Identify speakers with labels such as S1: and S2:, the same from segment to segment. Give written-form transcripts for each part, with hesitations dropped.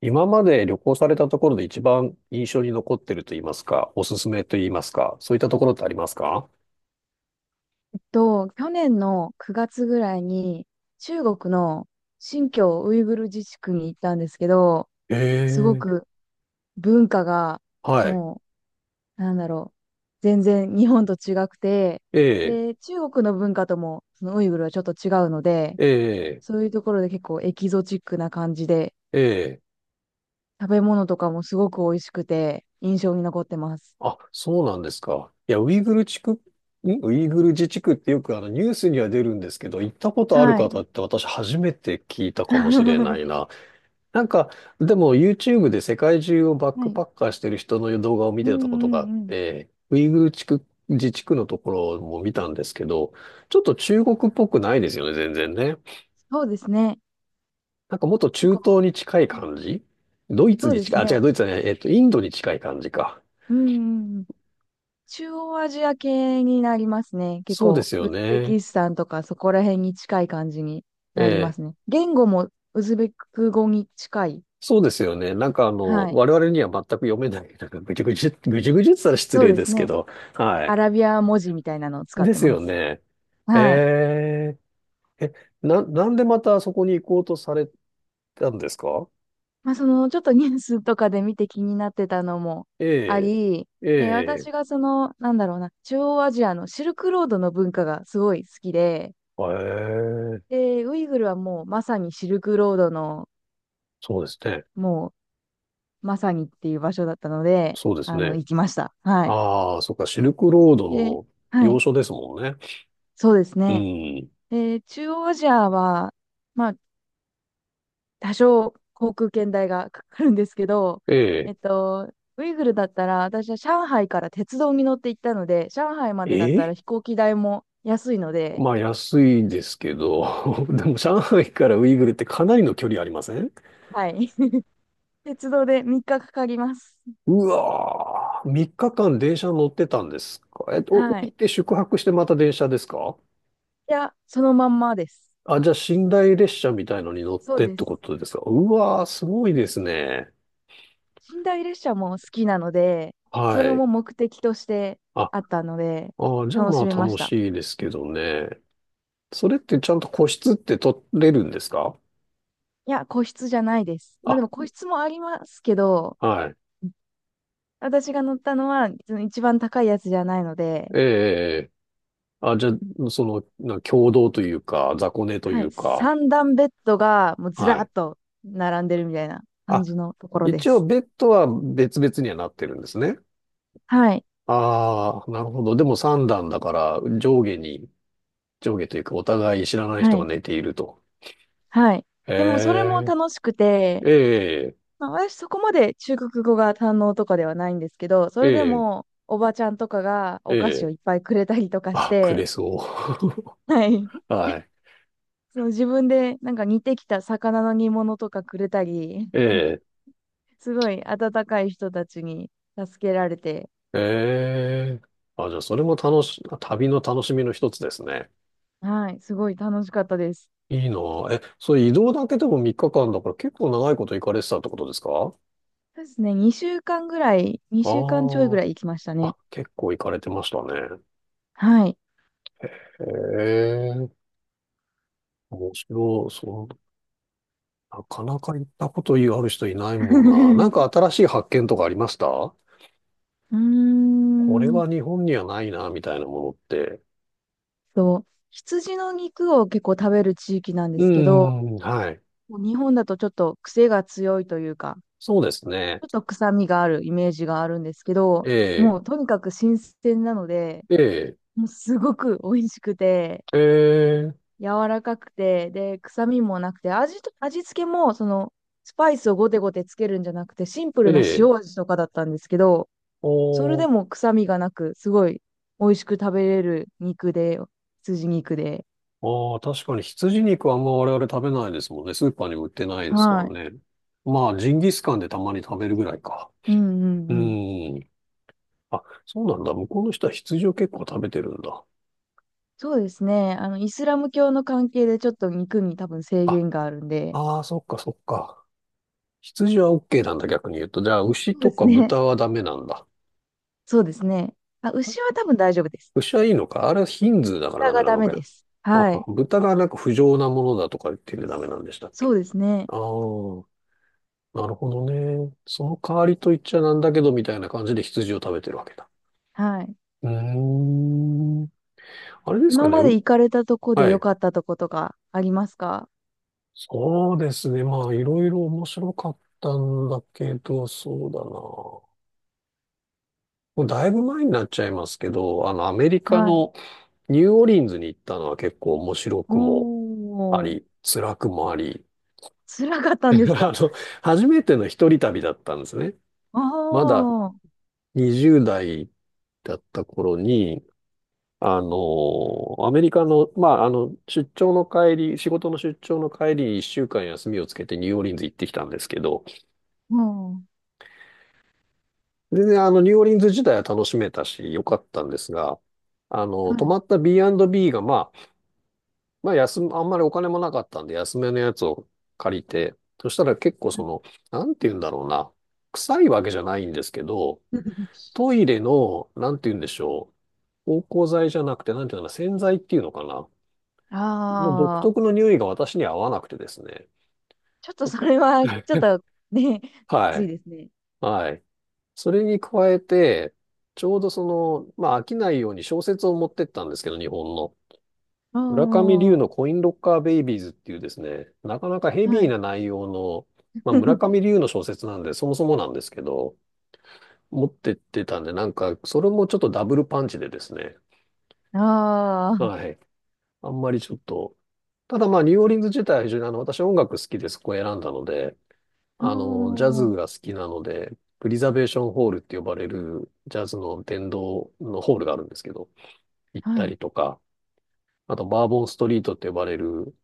S1: 今まで旅行されたところで一番印象に残ってると言いますか、おすすめと言いますか、そういったところってありますか？
S2: 去年の9月ぐらいに中国の新疆ウイグル自治区に行ったんですけど、すご
S1: ええ、
S2: く文化が
S1: はい。
S2: もう、なんだろう、全然日本と違くて、
S1: ええ、
S2: で、中国の文化ともそのウイグルはちょっと違うので、
S1: ええ、
S2: そういうところで結構エキゾチックな感じで、
S1: ええ。
S2: 食べ物とかもすごく美味しくて印象に残ってます。
S1: あ、そうなんですか。いや、ウイグル地区、ウイグル自治区ってよくあのニュースには出るんですけど、行ったことある
S2: は
S1: 方
S2: い。
S1: って私初めて聞いたかもしれない な。なんか、でも YouTube で世界中をバッ
S2: は
S1: クパ
S2: い。
S1: ッカーしてる人の動画を見
S2: うん
S1: てたこと
S2: う
S1: があっ
S2: んうん。
S1: て、ウイグル地区、自治区のところも見たんですけど、ちょっと中国っぽくないですよね、全然ね。
S2: そうですね。
S1: なんかもっと
S2: 結
S1: 中
S2: 構、
S1: 東に近い感じ、ドイツ
S2: そう
S1: に
S2: で
S1: 近
S2: す
S1: い、あ、違う、
S2: ね。
S1: ドイツじゃない、インドに近い感じか。
S2: うんうんうん。中央アジア系になりますね。結
S1: そうで
S2: 構、
S1: すよ
S2: ウズベ
S1: ね。
S2: キスタンとかそこら辺に近い感じに
S1: え
S2: なりま
S1: え、
S2: すね。言語もウズベク語に近い。
S1: そうですよね。なんかあの、
S2: はい。
S1: 我々には全く読めない、なんかぐじゅぐじゅ、ぐじゅぐじゅって言ったら失
S2: そう
S1: 礼
S2: で
S1: で
S2: す
S1: すけ
S2: ね。
S1: ど、はい。
S2: アラビア文字みたいなのを使っ
S1: で
S2: て
S1: す
S2: ま
S1: よ
S2: す。
S1: ね。
S2: はい。
S1: へー、なんでまたそこに行こうとされたんですか？
S2: ちょっとニュースとかで見て気になってたのも
S1: え
S2: あ
S1: え、
S2: り、
S1: え
S2: で、
S1: え、
S2: 私がその、なんだろうな、中央アジアのシルクロードの文化がすごい好きで、
S1: ええ、
S2: で、ウイグルはもうまさにシルクロードの
S1: そうですね。
S2: もうまさにっていう場所だったので、
S1: そうですね。
S2: 行きました。はい。
S1: ああ、そっか、シルクロード
S2: で、
S1: の
S2: は
S1: 要
S2: い。
S1: 所ですもんね。
S2: そうです
S1: う
S2: ね。
S1: ん。
S2: で、中央アジアは、まあ、多少航空券代がかかるんですけど、
S1: ええ、
S2: ウイグルだったら、私は上海から鉄道に乗って行ったので、上海ま
S1: え
S2: でだったら
S1: え、
S2: 飛行機代も安いので、
S1: まあ安いですけど、でも上海からウイグルってかなりの距離ありません？
S2: はい。鉄道で3日かかかります。
S1: うわー、3日間電車乗ってたんですか？降
S2: は
S1: り
S2: い。
S1: て宿泊してまた電車ですか？
S2: いや、そのまんまです。
S1: あ、じゃあ、寝台列車みたいのに乗っ
S2: そう
S1: てっ
S2: で
S1: て
S2: す。
S1: ことですか？うわー、すごいですね。
S2: 寝台列車も好きなので、そ
S1: は
S2: れ
S1: い。
S2: も目的として
S1: あ、あ
S2: あったので、
S1: ー、じゃあ
S2: 楽
S1: まあ
S2: しめまし
S1: 楽
S2: た。
S1: しいですけどね。それってちゃんと個室って取れるんですか？
S2: いや、個室じゃないです。まあでも
S1: あ、
S2: 個室もありますけど、
S1: はい。
S2: 私が乗ったのはその一番高いやつじゃないので、
S1: ええ、ええ、あ、じゃあ、その、共同というか、雑魚寝とい
S2: はい、
S1: うか、
S2: 三段ベッドがもうず
S1: は
S2: ら
S1: い。
S2: っと並んでるみたいな感
S1: あ、
S2: じのところで
S1: 一応
S2: す。
S1: ベッドは別々にはなってるんですね。
S2: はい、
S1: ああ、なるほど。でも三段だから、上下に、上下というか、お互い知らない
S2: は
S1: 人が
S2: い、
S1: 寝ていると。
S2: はい。
S1: へ
S2: でもそれも
S1: え。
S2: 楽しくて、
S1: ええ、
S2: まあ、私そこまで中国語が堪能とかではないんですけど、そ
S1: え
S2: れで
S1: え、
S2: もおばちゃんとかが
S1: え
S2: お菓子を
S1: え、
S2: いっぱいくれたりとかし
S1: あ、くれ
S2: て、
S1: そ
S2: はい。
S1: う。はい。
S2: その自分でなんか煮てきた魚の煮物とかくれたり、
S1: ええ、
S2: すごい温かい人たちに助けられて、
S1: ええ。あ、じゃあ、それも楽し、旅の楽しみの一つですね。
S2: はい、すごい楽しかったです。
S1: いいなあ。え、それ移動だけでも3日間だから結構長いこと行かれてたってことですか？
S2: そうですね、
S1: あ、
S2: 2週間ちょいぐ
S1: あ
S2: らい行きましたね。
S1: あ、結構行かれてましたね。
S2: はい。
S1: へえ、面白い。そう、なかなか行ったことある人いないもんな。なんか 新しい発見とかありました？
S2: うー
S1: これ
S2: ん
S1: は日本にはないな、みたいなものって。
S2: と、羊の肉を結構食べる地域なんで
S1: う
S2: すけど、
S1: ーん、はい。
S2: もう日本だとちょっと癖が強いというか、
S1: そうですね。
S2: ちょっと臭みがあるイメージがあるんですけ
S1: え
S2: ど、
S1: え、
S2: もうとにかく新鮮なので、
S1: ええ、
S2: もうすごく美味しくて、
S1: ええ、
S2: 柔らかくて、で、臭みもなくて、味付けも、スパイスをゴテゴテつけるんじゃなくて、シンプル
S1: え
S2: な
S1: え、
S2: 塩味とかだったんですけど、それ
S1: お
S2: で
S1: ー、
S2: も臭みがなく、すごい美味しく食べれる肉で、羊肉で。
S1: ああ、確かに羊肉はあんま我々食べないですもんね。スーパーにも売ってないですか
S2: はい。
S1: らね。まあ、ジンギスカンでたまに食べるぐらいか。
S2: うんうん
S1: う
S2: うん。
S1: ん。あ、そうなんだ。向こうの人は羊を結構食べてるんだ。
S2: そうですね。イスラム教の関係でちょっと肉に多分制
S1: あ、
S2: 限があるんで、
S1: ああ、そっかそっか。羊は OK なんだ、逆に言うと。じゃあ、牛
S2: そう
S1: と
S2: です
S1: か
S2: ね。
S1: 豚はダメなんだ。
S2: そうですね。あ、牛は多分大丈夫です。
S1: 牛はいいのか、あれはヒンズーだから
S2: 豚
S1: ダメ
S2: が
S1: な
S2: ダ
S1: の
S2: メ
S1: か
S2: で
S1: よ。
S2: す。は
S1: あ、
S2: い。
S1: 豚がなんか不浄なものだとか言ってダメなんでしたっ
S2: そ
S1: け？
S2: うですね。
S1: ああ、なるほどね。その代わりと言っちゃなんだけど、みたいな感じで羊を食べてるわけだ。
S2: はい。
S1: うーん。あれですか
S2: 今
S1: ね。
S2: まで行かれたとこで
S1: は
S2: 良
S1: い。
S2: かったとことかありますか？
S1: そうですね。まあ、いろいろ面白かったんだけど、そうだな。もうだいぶ前になっちゃいますけど、あの、アメリカ
S2: はい。
S1: のニューオリンズに行ったのは結構面白
S2: お
S1: くもあ
S2: ー、
S1: り、辛くもあり、
S2: 辛かっ たんです
S1: あ
S2: か？
S1: の、初めての一人旅だったんですね。
S2: あ
S1: まだ
S2: あー、
S1: 20代だった頃に、あの、アメリカの、まあ、あの、出張の帰り、仕事の出張の帰り、一週間休みをつけてニューオーリンズ行ってきたんですけど、
S2: うん。は
S1: 全然あの、ニューオーリンズ自体は楽しめたし、良かったんですが、あの、泊
S2: い。
S1: まった B&B が、まあ、まあ、休む、あんまりお金もなかったんで、安めのやつを借りて、そしたら結構その、なんて言うんだろうな、臭いわけじゃないんですけど、トイレの、なんて言うんでしょう、芳香剤じゃなくて、なんていうのかな、洗剤っていうのかな。の独
S2: ああ、
S1: 特の匂いが私には合わなくてですね。は
S2: ちょっ
S1: い。
S2: とね、き
S1: は
S2: つい
S1: い。
S2: ですね。
S1: それに加えて、ちょうどその、まあ飽きないように小説を持ってったんですけど、日本の。
S2: あ
S1: 村上龍
S2: あ、
S1: のコインロッカーベイビーズっていうですね、なかなかヘ
S2: は
S1: ビー
S2: い。
S1: な内容の、まあ村上 龍の小説なんで、そもそもなんですけど、持ってってたんで、なんか、それもちょっとダブルパンチでですね。
S2: ああ、
S1: はい。あんまりちょっと、ただまあ、ニューオーリンズ自体は非常にあの、私音楽好きでそこを選んだので、
S2: あ
S1: あの、ジャ
S2: あ、
S1: ズが好きなので、プリザベーションホールって呼ばれるジャズの殿堂のホールがあるんですけど、行っ
S2: は
S1: た
S2: い。
S1: りとか、あとバーボンストリートって呼ばれる、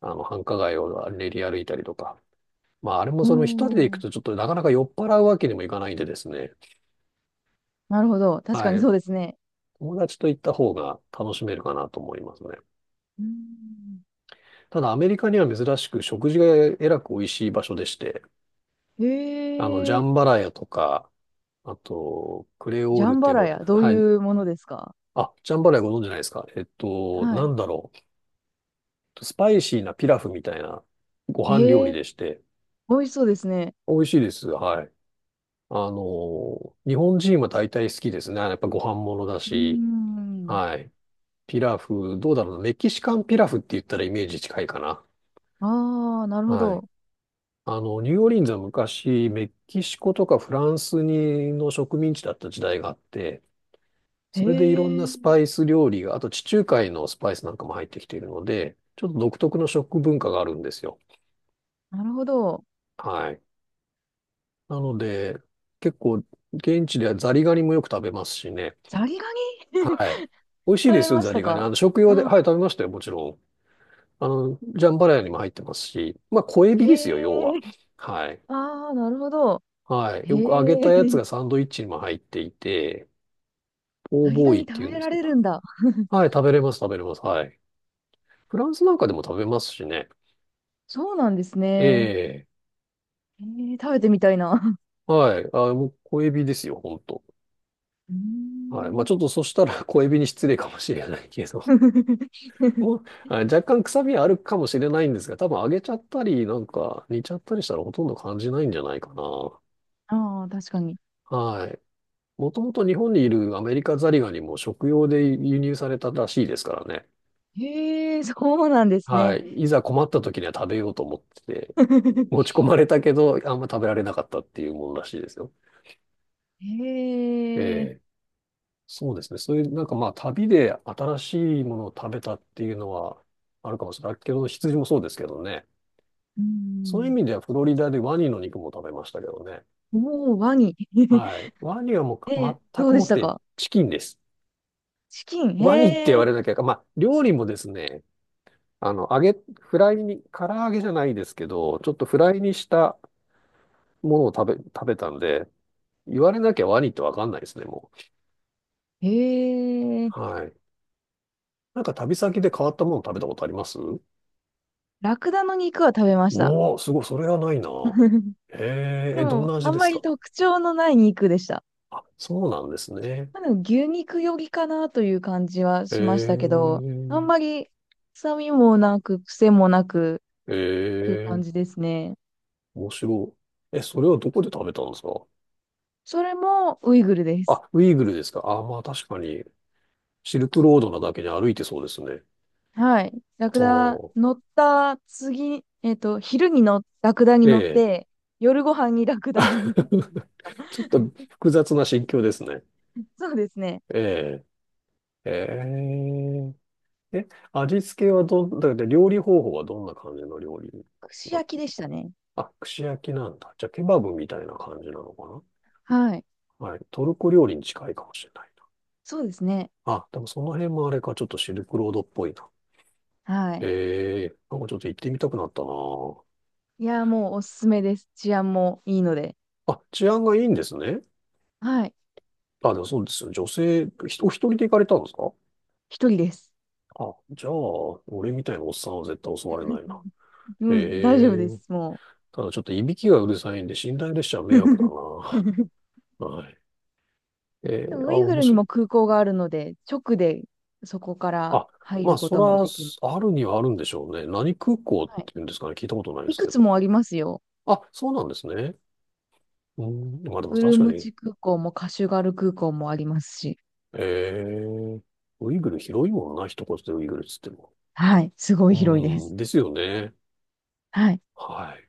S1: あの、繁華街を練り歩いたりとか。まあ、あれも
S2: お
S1: その一人で行く
S2: ー、
S1: とちょっとなかなか酔っ払うわけにもいかないんでですね。
S2: なるほど。確
S1: は
S2: かに
S1: い。
S2: そうですね。
S1: 友達と行った方が楽しめるかなと思いますね。
S2: うん。
S1: ただアメリカには珍しく食事がえらく美味しい場所でして、
S2: へ
S1: あの、ジャ
S2: え、
S1: ンバラヤとか、あと、クレオ
S2: ジ
S1: ー
S2: ャ
S1: ルっ
S2: ン
S1: て
S2: バ
S1: 呼
S2: ラ
S1: ばれ
S2: ヤ、
S1: る、
S2: どう
S1: はい、
S2: いうものですか？
S1: あ、ジャンバラヤご存知ないですか？
S2: は
S1: な
S2: い。
S1: んだろう。スパイシーなピラフみたいなご飯料
S2: へ
S1: 理
S2: え、
S1: でして、
S2: 美味しそうですね。
S1: 美味しいです。はい。あの、日本人は大体好きですね。やっぱご飯ものだ
S2: うー
S1: し、
S2: ん。
S1: はい。ピラフ、どうだろうな。メキシカンピラフって言ったらイメージ近いかな。
S2: ああ、なるほ
S1: はい。
S2: ど。
S1: あの、ニューオーリンズは昔、メキシコとかフランスにの植民地だった時代があって、
S2: へ
S1: それでいろんな
S2: え、
S1: スパイス料理が、あと地中海のスパイスなんかも入ってきているので、ちょっと独特の食文化があるんですよ。
S2: なるほど。
S1: はい。なので、結構、現地ではザリガニもよく食べますしね。
S2: ザリガニ
S1: はい。
S2: 食
S1: 美味しいで
S2: べ
S1: すよ、
S2: ま
S1: ザ
S2: し
S1: リ
S2: た
S1: ガニ。
S2: か？
S1: あの、食用で、は
S2: あ、
S1: い、食べましたよ、もちろん。あの、ジャンバラヤにも入ってますし、まあ、小エビ
S2: へ
S1: ですよ、要は。
S2: え、
S1: はい。
S2: ああ、なるほど。
S1: はい。
S2: へ
S1: よく揚げた
S2: え、
S1: やつがサンドイッチにも入っていて、ポー
S2: ザリガ
S1: ボーイっ
S2: ニ
S1: て
S2: 食
S1: 言うん
S2: べ
S1: です
S2: ら
S1: け
S2: れ
S1: ど。
S2: るんだ。
S1: はい、食べれます、食べれます。はい。フランスなんかでも食べますしね。
S2: そうなんですね。
S1: ええ、
S2: へえ、食べてみたいな。
S1: はい。あ、もう小エビですよ、ほんと。
S2: うー
S1: はい。まあ
S2: ん
S1: ちょっとそしたら 小エビに失礼かもしれないけど、もう、はい、若干臭みはあるかもしれないんですが、多分揚げちゃったり、なんか煮ちゃったりしたらほとんど感じないんじゃないかな。
S2: ああ、確かに。
S1: はい。もともと日本にいるアメリカザリガニも食用で輸入されたらしいですからね。
S2: へえ、そうなんです
S1: は
S2: ね。
S1: い。いざ困った時には食べようと思ってて、持ち込 まれたけど、あんま食べられなかったっていうものらしいですよ。
S2: へ
S1: え
S2: え、
S1: え、そうですね。そういう、なんかまあ、旅で新しいものを食べたっていうのはあるかもしれないけど、羊もそうですけどね。
S2: う
S1: そういう意
S2: ん。
S1: 味ではフロリダでワニの肉も食べましたけどね。
S2: もうワニ。
S1: はい。ワニはもう
S2: え、
S1: 全
S2: どう
S1: く
S2: で
S1: もっ
S2: した
S1: て
S2: か？
S1: チキンです。
S2: チキン。
S1: ワニって言
S2: へ
S1: わ
S2: え、
S1: れなきゃ、まあ、料理もですね、あの、揚げ、フライに、唐揚げじゃないですけど、ちょっとフライにしたものを食べたんで、言われなきゃワニってわかんないですね、も
S2: へえ。
S1: う。はい。なんか旅先で変わったもの食べたことあります？
S2: ラクダの肉は食べました。
S1: おお、すごい、それはないな。へえー、
S2: で
S1: どん
S2: も、
S1: な
S2: あ
S1: 味
S2: ん
S1: で
S2: ま
S1: す
S2: り
S1: か？
S2: 特徴のない肉でした。
S1: あ、そうなんですね。
S2: まあ、でも牛肉よりかなという感じは
S1: へ
S2: しまし
S1: え
S2: たけど、あん
S1: ー、
S2: まり臭みもなく、癖もなく
S1: へ
S2: という
S1: え
S2: 感
S1: ー、
S2: じですね。
S1: 面白い。え、それはどこで食べたんですか？
S2: それもウイグルです。
S1: あ、ウイグルですか？あ、まあ確かに、シルクロードなだけに歩いてそうですね。
S2: はい。ラク
S1: あ
S2: ダ
S1: ー、
S2: 乗った次、昼にのラクダに
S1: え
S2: 乗っ
S1: え。
S2: て、夜ご飯にラクダの肉。
S1: ち ょっと複雑な心境ですね。
S2: そうですね。
S1: ええ、ええ、え、味付けはどん、だって料理方法はどんな感じの料理？
S2: 串焼きでしたね。
S1: あ、串焼きなんだ。じゃあ、ケバブみたいな感じなのか
S2: はい。
S1: な。はい。トルコ料理に近いかもしれない
S2: そうですね。
S1: な。あ、でもその辺もあれか、ちょっとシルクロードっぽいな。
S2: はい。
S1: ええ、なんかちょっと行ってみたくなったな
S2: いやー、もうおすすめです。治安もいいので。
S1: あ。あ、治安がいいんですね。
S2: はい。
S1: あ、でもそうですよ。女性、お一人で行かれたんですか？
S2: 一人です。
S1: あ、じゃあ、俺みたいなおっさんは絶対襲われな いな。
S2: うん、大丈夫
S1: え
S2: で
S1: え、
S2: す。も
S1: ただちょっといびきがうるさいんで、寝台列車は迷惑だ
S2: う。
S1: な。はい。え
S2: で
S1: え、
S2: も
S1: あ、
S2: ウイグ
S1: 面
S2: ルに
S1: 白い。
S2: も空港があるので、直でそこから
S1: あ、
S2: 入
S1: まあ、
S2: るこ
S1: そ
S2: とも
S1: ら、
S2: できます。
S1: あるにはあるんでしょうね。何空港っ
S2: はい。
S1: ていうんですかね。聞いたことないで
S2: い
S1: す
S2: く
S1: け
S2: つ
S1: ど。
S2: もありますよ。
S1: あ、そうなんですね。うん、まあでも
S2: ウ
S1: 確
S2: ル
S1: か
S2: ム
S1: に、
S2: チ空港もカシュガル空港もありますし、
S1: えー、ウイグル広いもんな、一言でウイグルっつっても。
S2: はい、すごい広いで
S1: うん、
S2: す。
S1: ですよね。
S2: はい。
S1: はい。